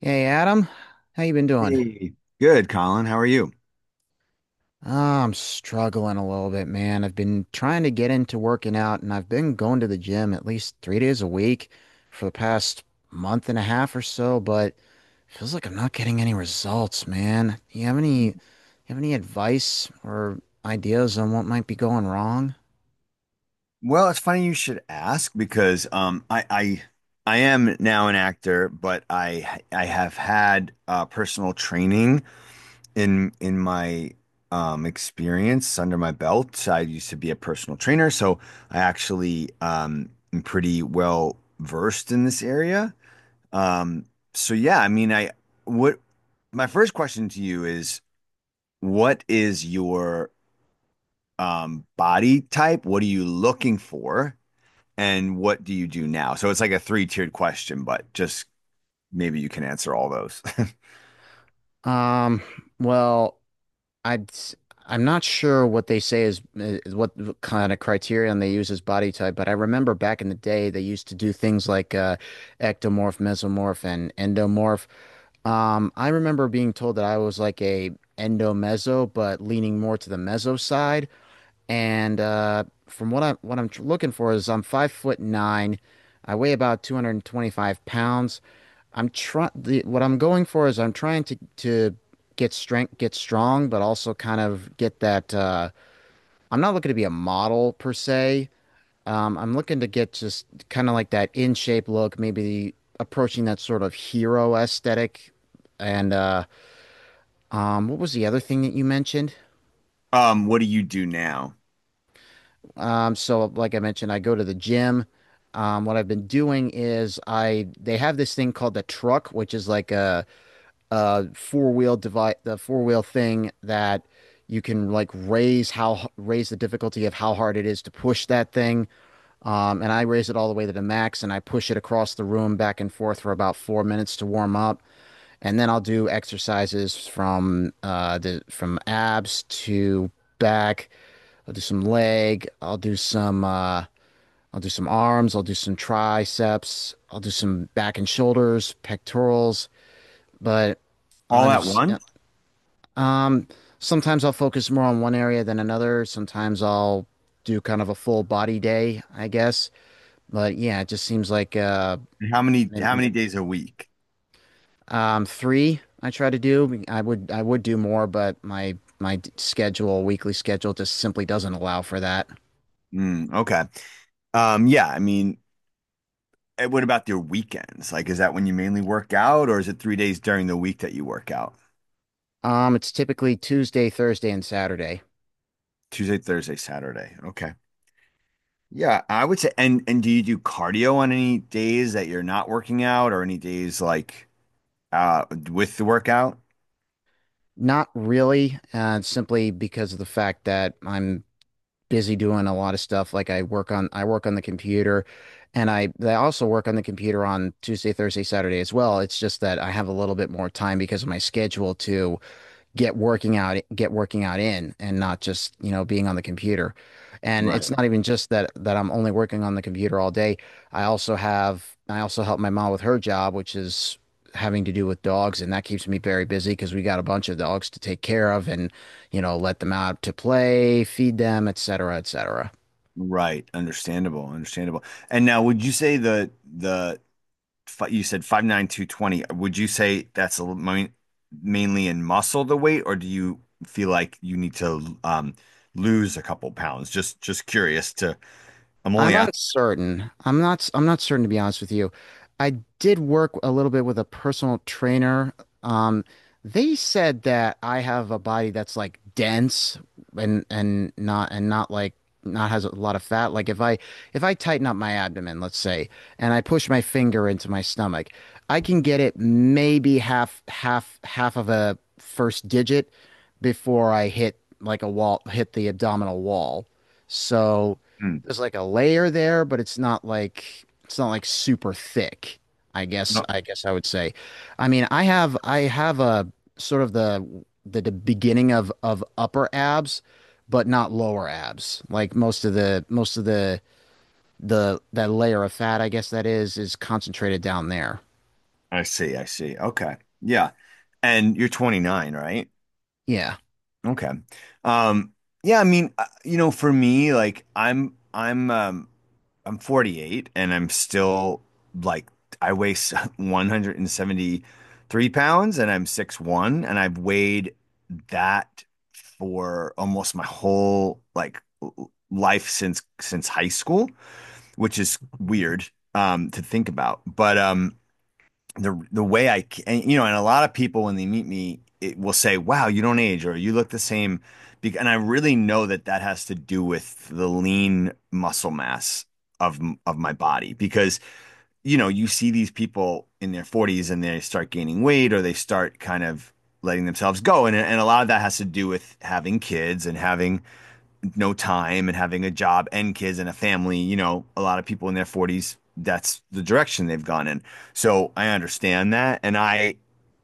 Hey Adam, how you been doing? Hey, good, Colin. How are you? Ah, I'm struggling a little bit, man. I've been trying to get into working out and I've been going to the gym at least 3 days a week for the past month and a half or so, but feels like I'm not getting any results, man. Do you have any advice or ideas on what might be going wrong? Well, it's funny you should ask because I am now an actor, but I have had personal training in my experience under my belt. I used to be a personal trainer, so I actually am pretty well versed in this area. Um, so yeah, I mean, I what my first question to you is, what is your body type? What are you looking for? And what do you do now? So it's like a three-tiered question, but just maybe you can answer all those. Um, well, I'd, s- I'm not sure what they say is, is what kind of criterion they use as body type, but I remember back in the day they used to do things like ectomorph, mesomorph, and endomorph. I remember being told that I was like a endomeso, but leaning more to the meso side. And from what I'm looking for is I'm 5 foot nine, I weigh about 225 pounds. I'm trying What I'm going for is I'm trying to get strength, get strong, but also kind of get that I'm not looking to be a model per se. I'm looking to get just kind of like that in shape look, maybe approaching that sort of hero aesthetic. And what was the other thing that you mentioned? What do you do now? So like I mentioned, I go to the gym. What I've been doing is I they have this thing called the truck, which is like a four-wheel device the four-wheel thing that you can like raise the difficulty of how hard it is to push that thing. And I raise it all the way to the max and I push it across the room back and forth for about 4 minutes to warm up. And then I'll do exercises from the from abs to back. I'll do some leg. I'll do some arms, I'll do some triceps, I'll do some back and shoulders, pectorals, but I All at just once? um, sometimes I'll focus more on one area than another. Sometimes I'll do kind of a full body day, I guess. But yeah, it just seems like And How many how m- many days a week? Three I try to do. I would do more, but my schedule, weekly schedule, just simply doesn't allow for that. Mm, okay. Yeah, I mean, and what about your weekends? Like, is that when you mainly work out, or is it 3 days during the week that you work out? It's typically Tuesday, Thursday, and Saturday. Tuesday, Thursday, Saturday. Okay. Yeah, I would say. And do you do cardio on any days that you're not working out, or any days like uh with the workout? Not really, simply because of the fact that I'm busy doing a lot of stuff. Like I work on the computer and I also work on the computer on Tuesday, Thursday, Saturday as well. It's just that I have a little bit more time because of my schedule to get working out in and not just you know being on the computer and Right. it's not even just that I'm only working on the computer all day. I also help my mom with her job, which is having to do with dogs, and that keeps me very busy because we got a bunch of dogs to take care of and you know let them out to play, feed them, etc cetera, etc cetera. Right. Understandable. Understandable. And now, would you say the you said 5'9", 220. Would you say that's a, mainly in muscle the weight, or do you feel like you need to lose a couple pounds? Just curious to. I'm I'm only asking. uncertain. I'm not certain to be honest with you. I did work a little bit with a personal trainer. Um, they said that I have a body that's like dense and not has a lot of fat. Like if I tighten up my abdomen, let's say, and I push my finger into my stomach, I can get it maybe half of a first digit before I hit like a wall, hit the abdominal wall. So Hmm. there's like a layer there, but it's not like super thick. No, I guess I would say. I mean, I have a sort of the beginning of upper abs, but not lower abs. Like most of the that layer of fat, I guess that is concentrated down there. I see. I see. Okay. Yeah. And you're 29, right? Yeah. Okay. Um, yeah, I mean, you know, for me, like I'm 48 and I'm still like I weigh 173 pounds and I'm 6'1" and I've weighed that for almost my whole like life since high school, which is weird to think about. But the way and, you know, and a lot of people when they meet me it will say, "Wow, you don't age," or "You look the same," and I really know that that has to do with the lean muscle mass of of my body because you know you see these people in their 40s and they start gaining weight or they start kind of letting themselves go and a lot of that has to do with having kids and having no time and having a job and kids and a family, you know, a lot of people in their 40s, that's the direction they've gone in. So I understand that. And I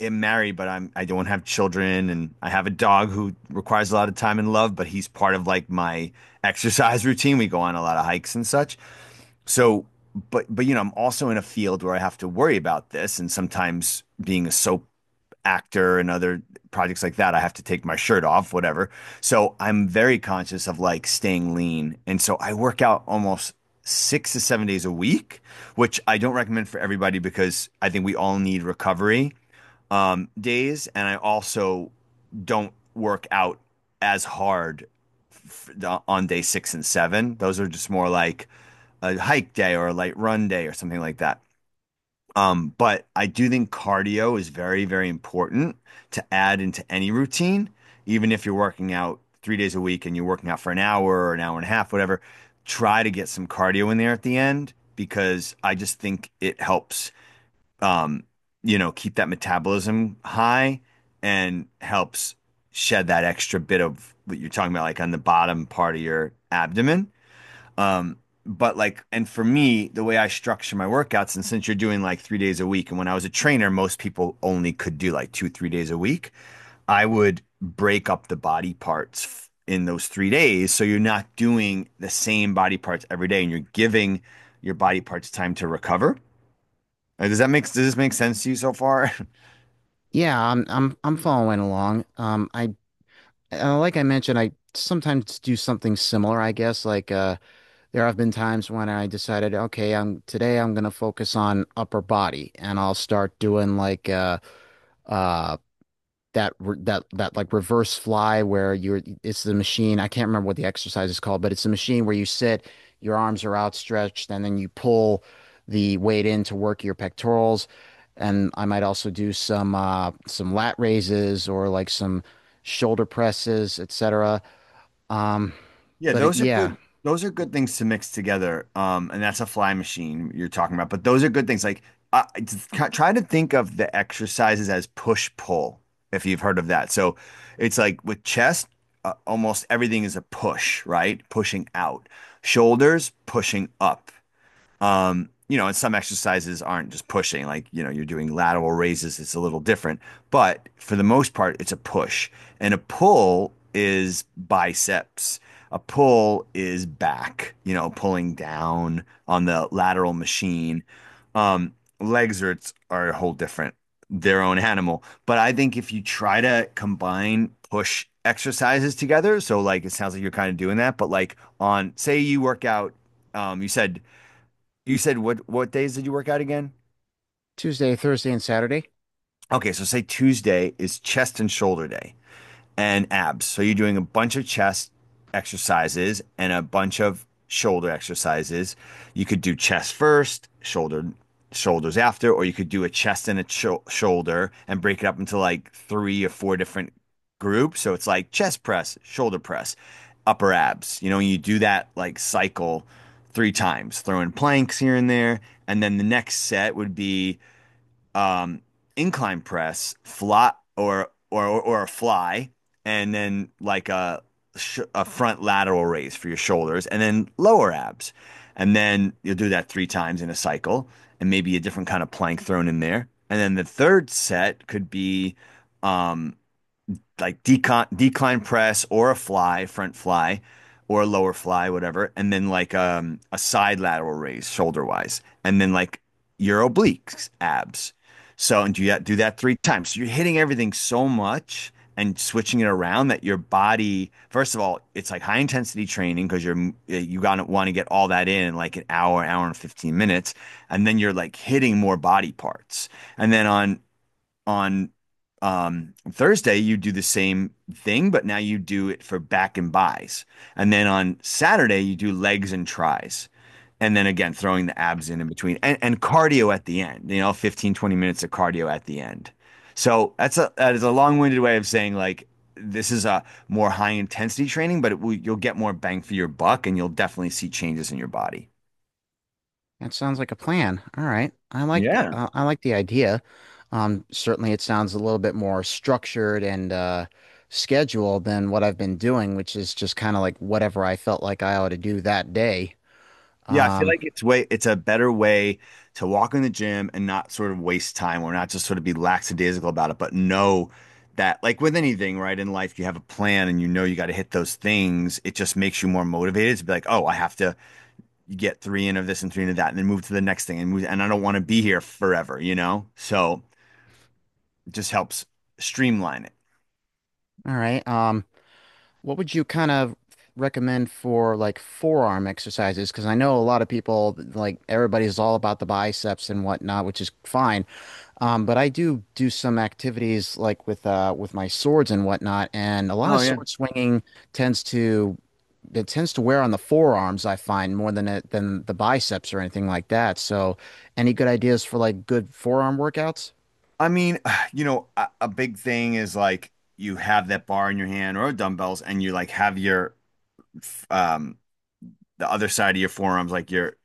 am married, but I don't have children. And I have a dog who requires a lot of time and love, but he's part of like my exercise routine. We go on a lot of hikes and such. So, but, you know, I'm also in a field where I have to worry about this. And sometimes being a soap actor and other projects like that, I have to take my shirt off, whatever. So I'm very conscious of like staying lean. And so I work out almost 6 to 7 days a week, which I don't recommend for everybody because I think we all need recovery days. And I also don't work out as hard on day six and seven. Those are just more like a hike day or a light run day or something like that. But I do think cardio is very, very important to add into any routine, even if you're working out 3 days a week and you're working out for an hour or an hour and a half, whatever. Try to get some cardio in there at the end because I just think it helps, um, you know, keep that metabolism high and helps shed that extra bit of what you're talking about, like on the bottom part of your abdomen. Um, but like, and for me, the way I structure my workouts, and since you're doing like 3 days a week, and when I was a trainer, most people only could do like two, 3 days a week. I would break up the body parts in those 3 days. So you're not doing the same body parts every day and you're giving your body parts time to recover. Does this make sense to you so far? Yeah, I'm following along. I like I mentioned, I sometimes do something similar, I guess, like There have been times when I decided, okay, I'm today I'm gonna focus on upper body, and I'll start doing like uh that re that that like reverse fly where you're it's the machine. I can't remember what the exercise is called, but it's a machine where you sit, your arms are outstretched, and then you pull the weight in to work your pectorals. And I might also do some lat raises or like some shoulder presses, etc. Um, Yeah, but it, those are yeah, good. Those are good things to mix together. And that's a fly machine you're talking about. But those are good things. Like, I just try to think of the exercises as push pull, if you've heard of that. So, it's like with chest, almost everything is a push, right? Pushing out. Shoulders, pushing up. You know, and some exercises aren't just pushing, like, you know, you're doing lateral raises, it's a little different. But for the most part, it's a push. And a pull is biceps. A pull is back, you know, pulling down on the lateral machine. Um, Legs are a whole different, their own animal. But I think if you try to combine push exercises together, so like it sounds like you're kind of doing that, but like on, say you work out, um, you said you said what days did you work out again? Tuesday, Thursday, and Saturday. Okay, so say Tuesday is chest and shoulder day and abs. So you're doing a bunch of chest exercises and a bunch of shoulder exercises. You could do chest first, shoulders after, or you could do a chest and a shoulder and break it up into like three or four different groups. So it's like chest press, shoulder press, upper abs. You know, you do that like cycle three times, throwing planks here and there, and then the next set would be um, incline press, fly or a fly, and then like a front lateral raise for your shoulders, and then lower abs, and then you'll do that three times in a cycle, and maybe a different kind of plank thrown in there, and then the third set could be um, like decon decline press or a fly, front fly, or a lower fly, whatever, and then like a side lateral raise shoulder wise, and then like your obliques, abs. So and do that three times. So you're hitting everything so much and switching it around that your body, first of all, it's like high intensity training because you gotta want to get all that in like an hour, hour and 15 minutes, and then you're like hitting more body parts. And then on Thursday, you do the same thing, but now you do it for back and buys. And then on Saturday, you do legs and tries. And then again, throwing the abs in between and cardio at the end, you know, 15, 20 minutes of cardio at the end. So that is a long-winded way of saying like, this is a more high intensity training, but it will, you'll get more bang for your buck and you'll definitely see changes in your body. That sounds like a plan. All right. Yeah. I like the idea. Certainly it sounds a little bit more structured and scheduled than what I've been doing, which is just kind of like whatever I felt like I ought to do that day. Yeah, I feel Um, like it's way it's a better way to walk in the gym and not sort of waste time or not just sort of be lackadaisical about it, but know that like with anything, right, in life you have a plan and you know you got to hit those things. It just makes you more motivated to be like, oh, I have to get three in of this and three in of that and then move to the next thing and move, and I don't want to be here forever, you know? So it just helps streamline it. all right. What would you kind of recommend for like forearm exercises? Because I know a lot of people like everybody's all about the biceps and whatnot, which is fine. But I do do some activities like with my swords and whatnot, and a lot Oh of yeah. sword swinging tends to it tends to wear on the forearms, I find, more than it than the biceps or anything like that. So, any good ideas for like good forearm workouts? I mean, you know, a big thing is like you have that bar in your hand or dumbbells and you like have your um the other side of your forearms, like your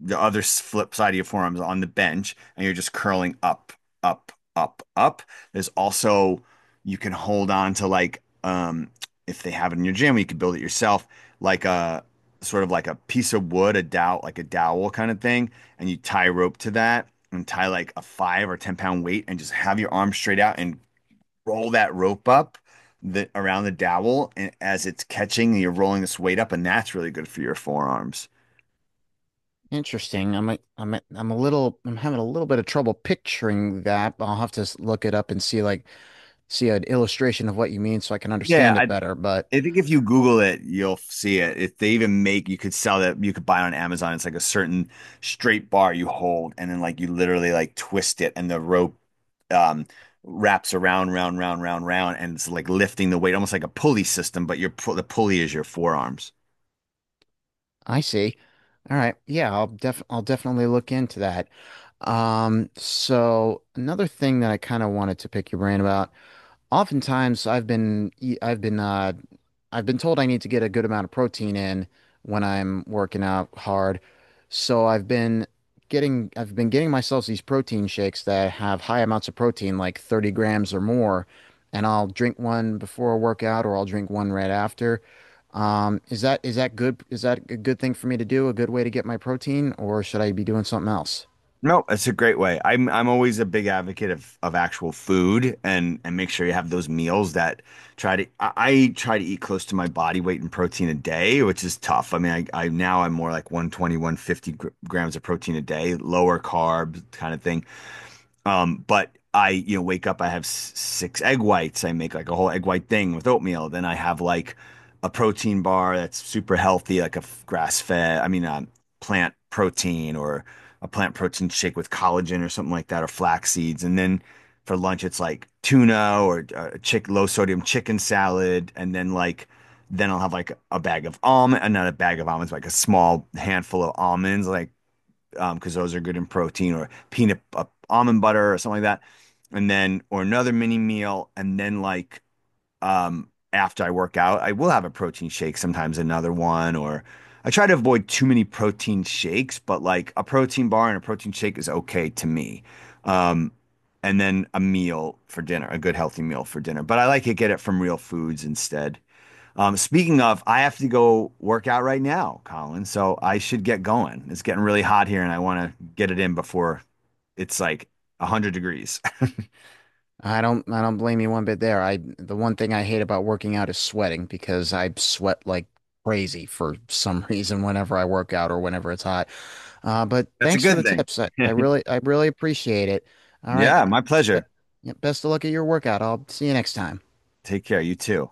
the other flip side of your forearms on the bench, and you're just curling up, up, up, up. There's also you can hold on to like if they have it in your gym, you could build it yourself, like a sort of like a piece of wood, a dowel, like a dowel kind of thing, and you tie rope to that and tie like a 5 or 10 pound weight and just have your arm straight out and roll that rope up the around the dowel and as it's catching, you're rolling this weight up, and that's really good for your forearms. Interesting. I'm a little I'm having a little bit of trouble picturing that. I'll have to look it up and see like see an illustration of what you mean so I can Yeah, understand I it better. But I think if you Google it, you'll see it. If they even make, you could sell that, you could buy it on Amazon. It's like a certain straight bar you hold, and then like you literally like twist it, and the rope um wraps around, round, round, round, round, and it's like lifting the weight, almost like a pulley system, but the pulley is your forearms. I see. All right. Yeah, I'll definitely look into that. So another thing that I kind of wanted to pick your brain about. Oftentimes, I've been told I need to get a good amount of protein in when I'm working out hard. So I've been getting myself these protein shakes that have high amounts of protein, like 30 grams or more, and I'll drink one before a workout or I'll drink one right after. Is that good? Is that a good thing for me to do? A good way to get my protein, or should I be doing something else? No, it's a great way. I'm always a big advocate of actual food and make sure you have those meals that I try to eat close to my body weight in protein a day, which is tough. I mean, I now I'm more like one twenty one fifty gr grams of protein a day, lower carb kind of thing. But I, you know, wake up, I have six egg whites. I make like a whole egg white thing with oatmeal. Then I have like a protein bar that's super healthy, like a grass fed, I mean, plant protein or a plant protein shake with collagen or something like that, or flax seeds. And then for lunch, it's like tuna or chick low sodium chicken salad. And then like, then I'll have like a bag of almond, not a bag of almonds, like a small handful of almonds, like because those are good in protein or peanut almond butter or something like that. And then, or another mini meal. And then, like, after I work out, I will have a protein shake, sometimes another one, or I try to avoid too many protein shakes, but like a protein bar and a protein shake is okay to me. Um, and then a meal for dinner, a good healthy meal for dinner. But I like to get it from real foods instead. Speaking of, I have to go work out right now, Colin. So I should get going. It's getting really hot here, and I want to get it in before it's like 100 degrees. I don't blame you one bit there. I the one thing I hate about working out is sweating because I sweat like crazy for some reason whenever I work out or whenever it's hot. But That's a thanks for good the thing. tips. I really appreciate it. All right. Yeah, my Be- pleasure. yeah, best of luck at your workout. I'll see you next time. Take care. You too.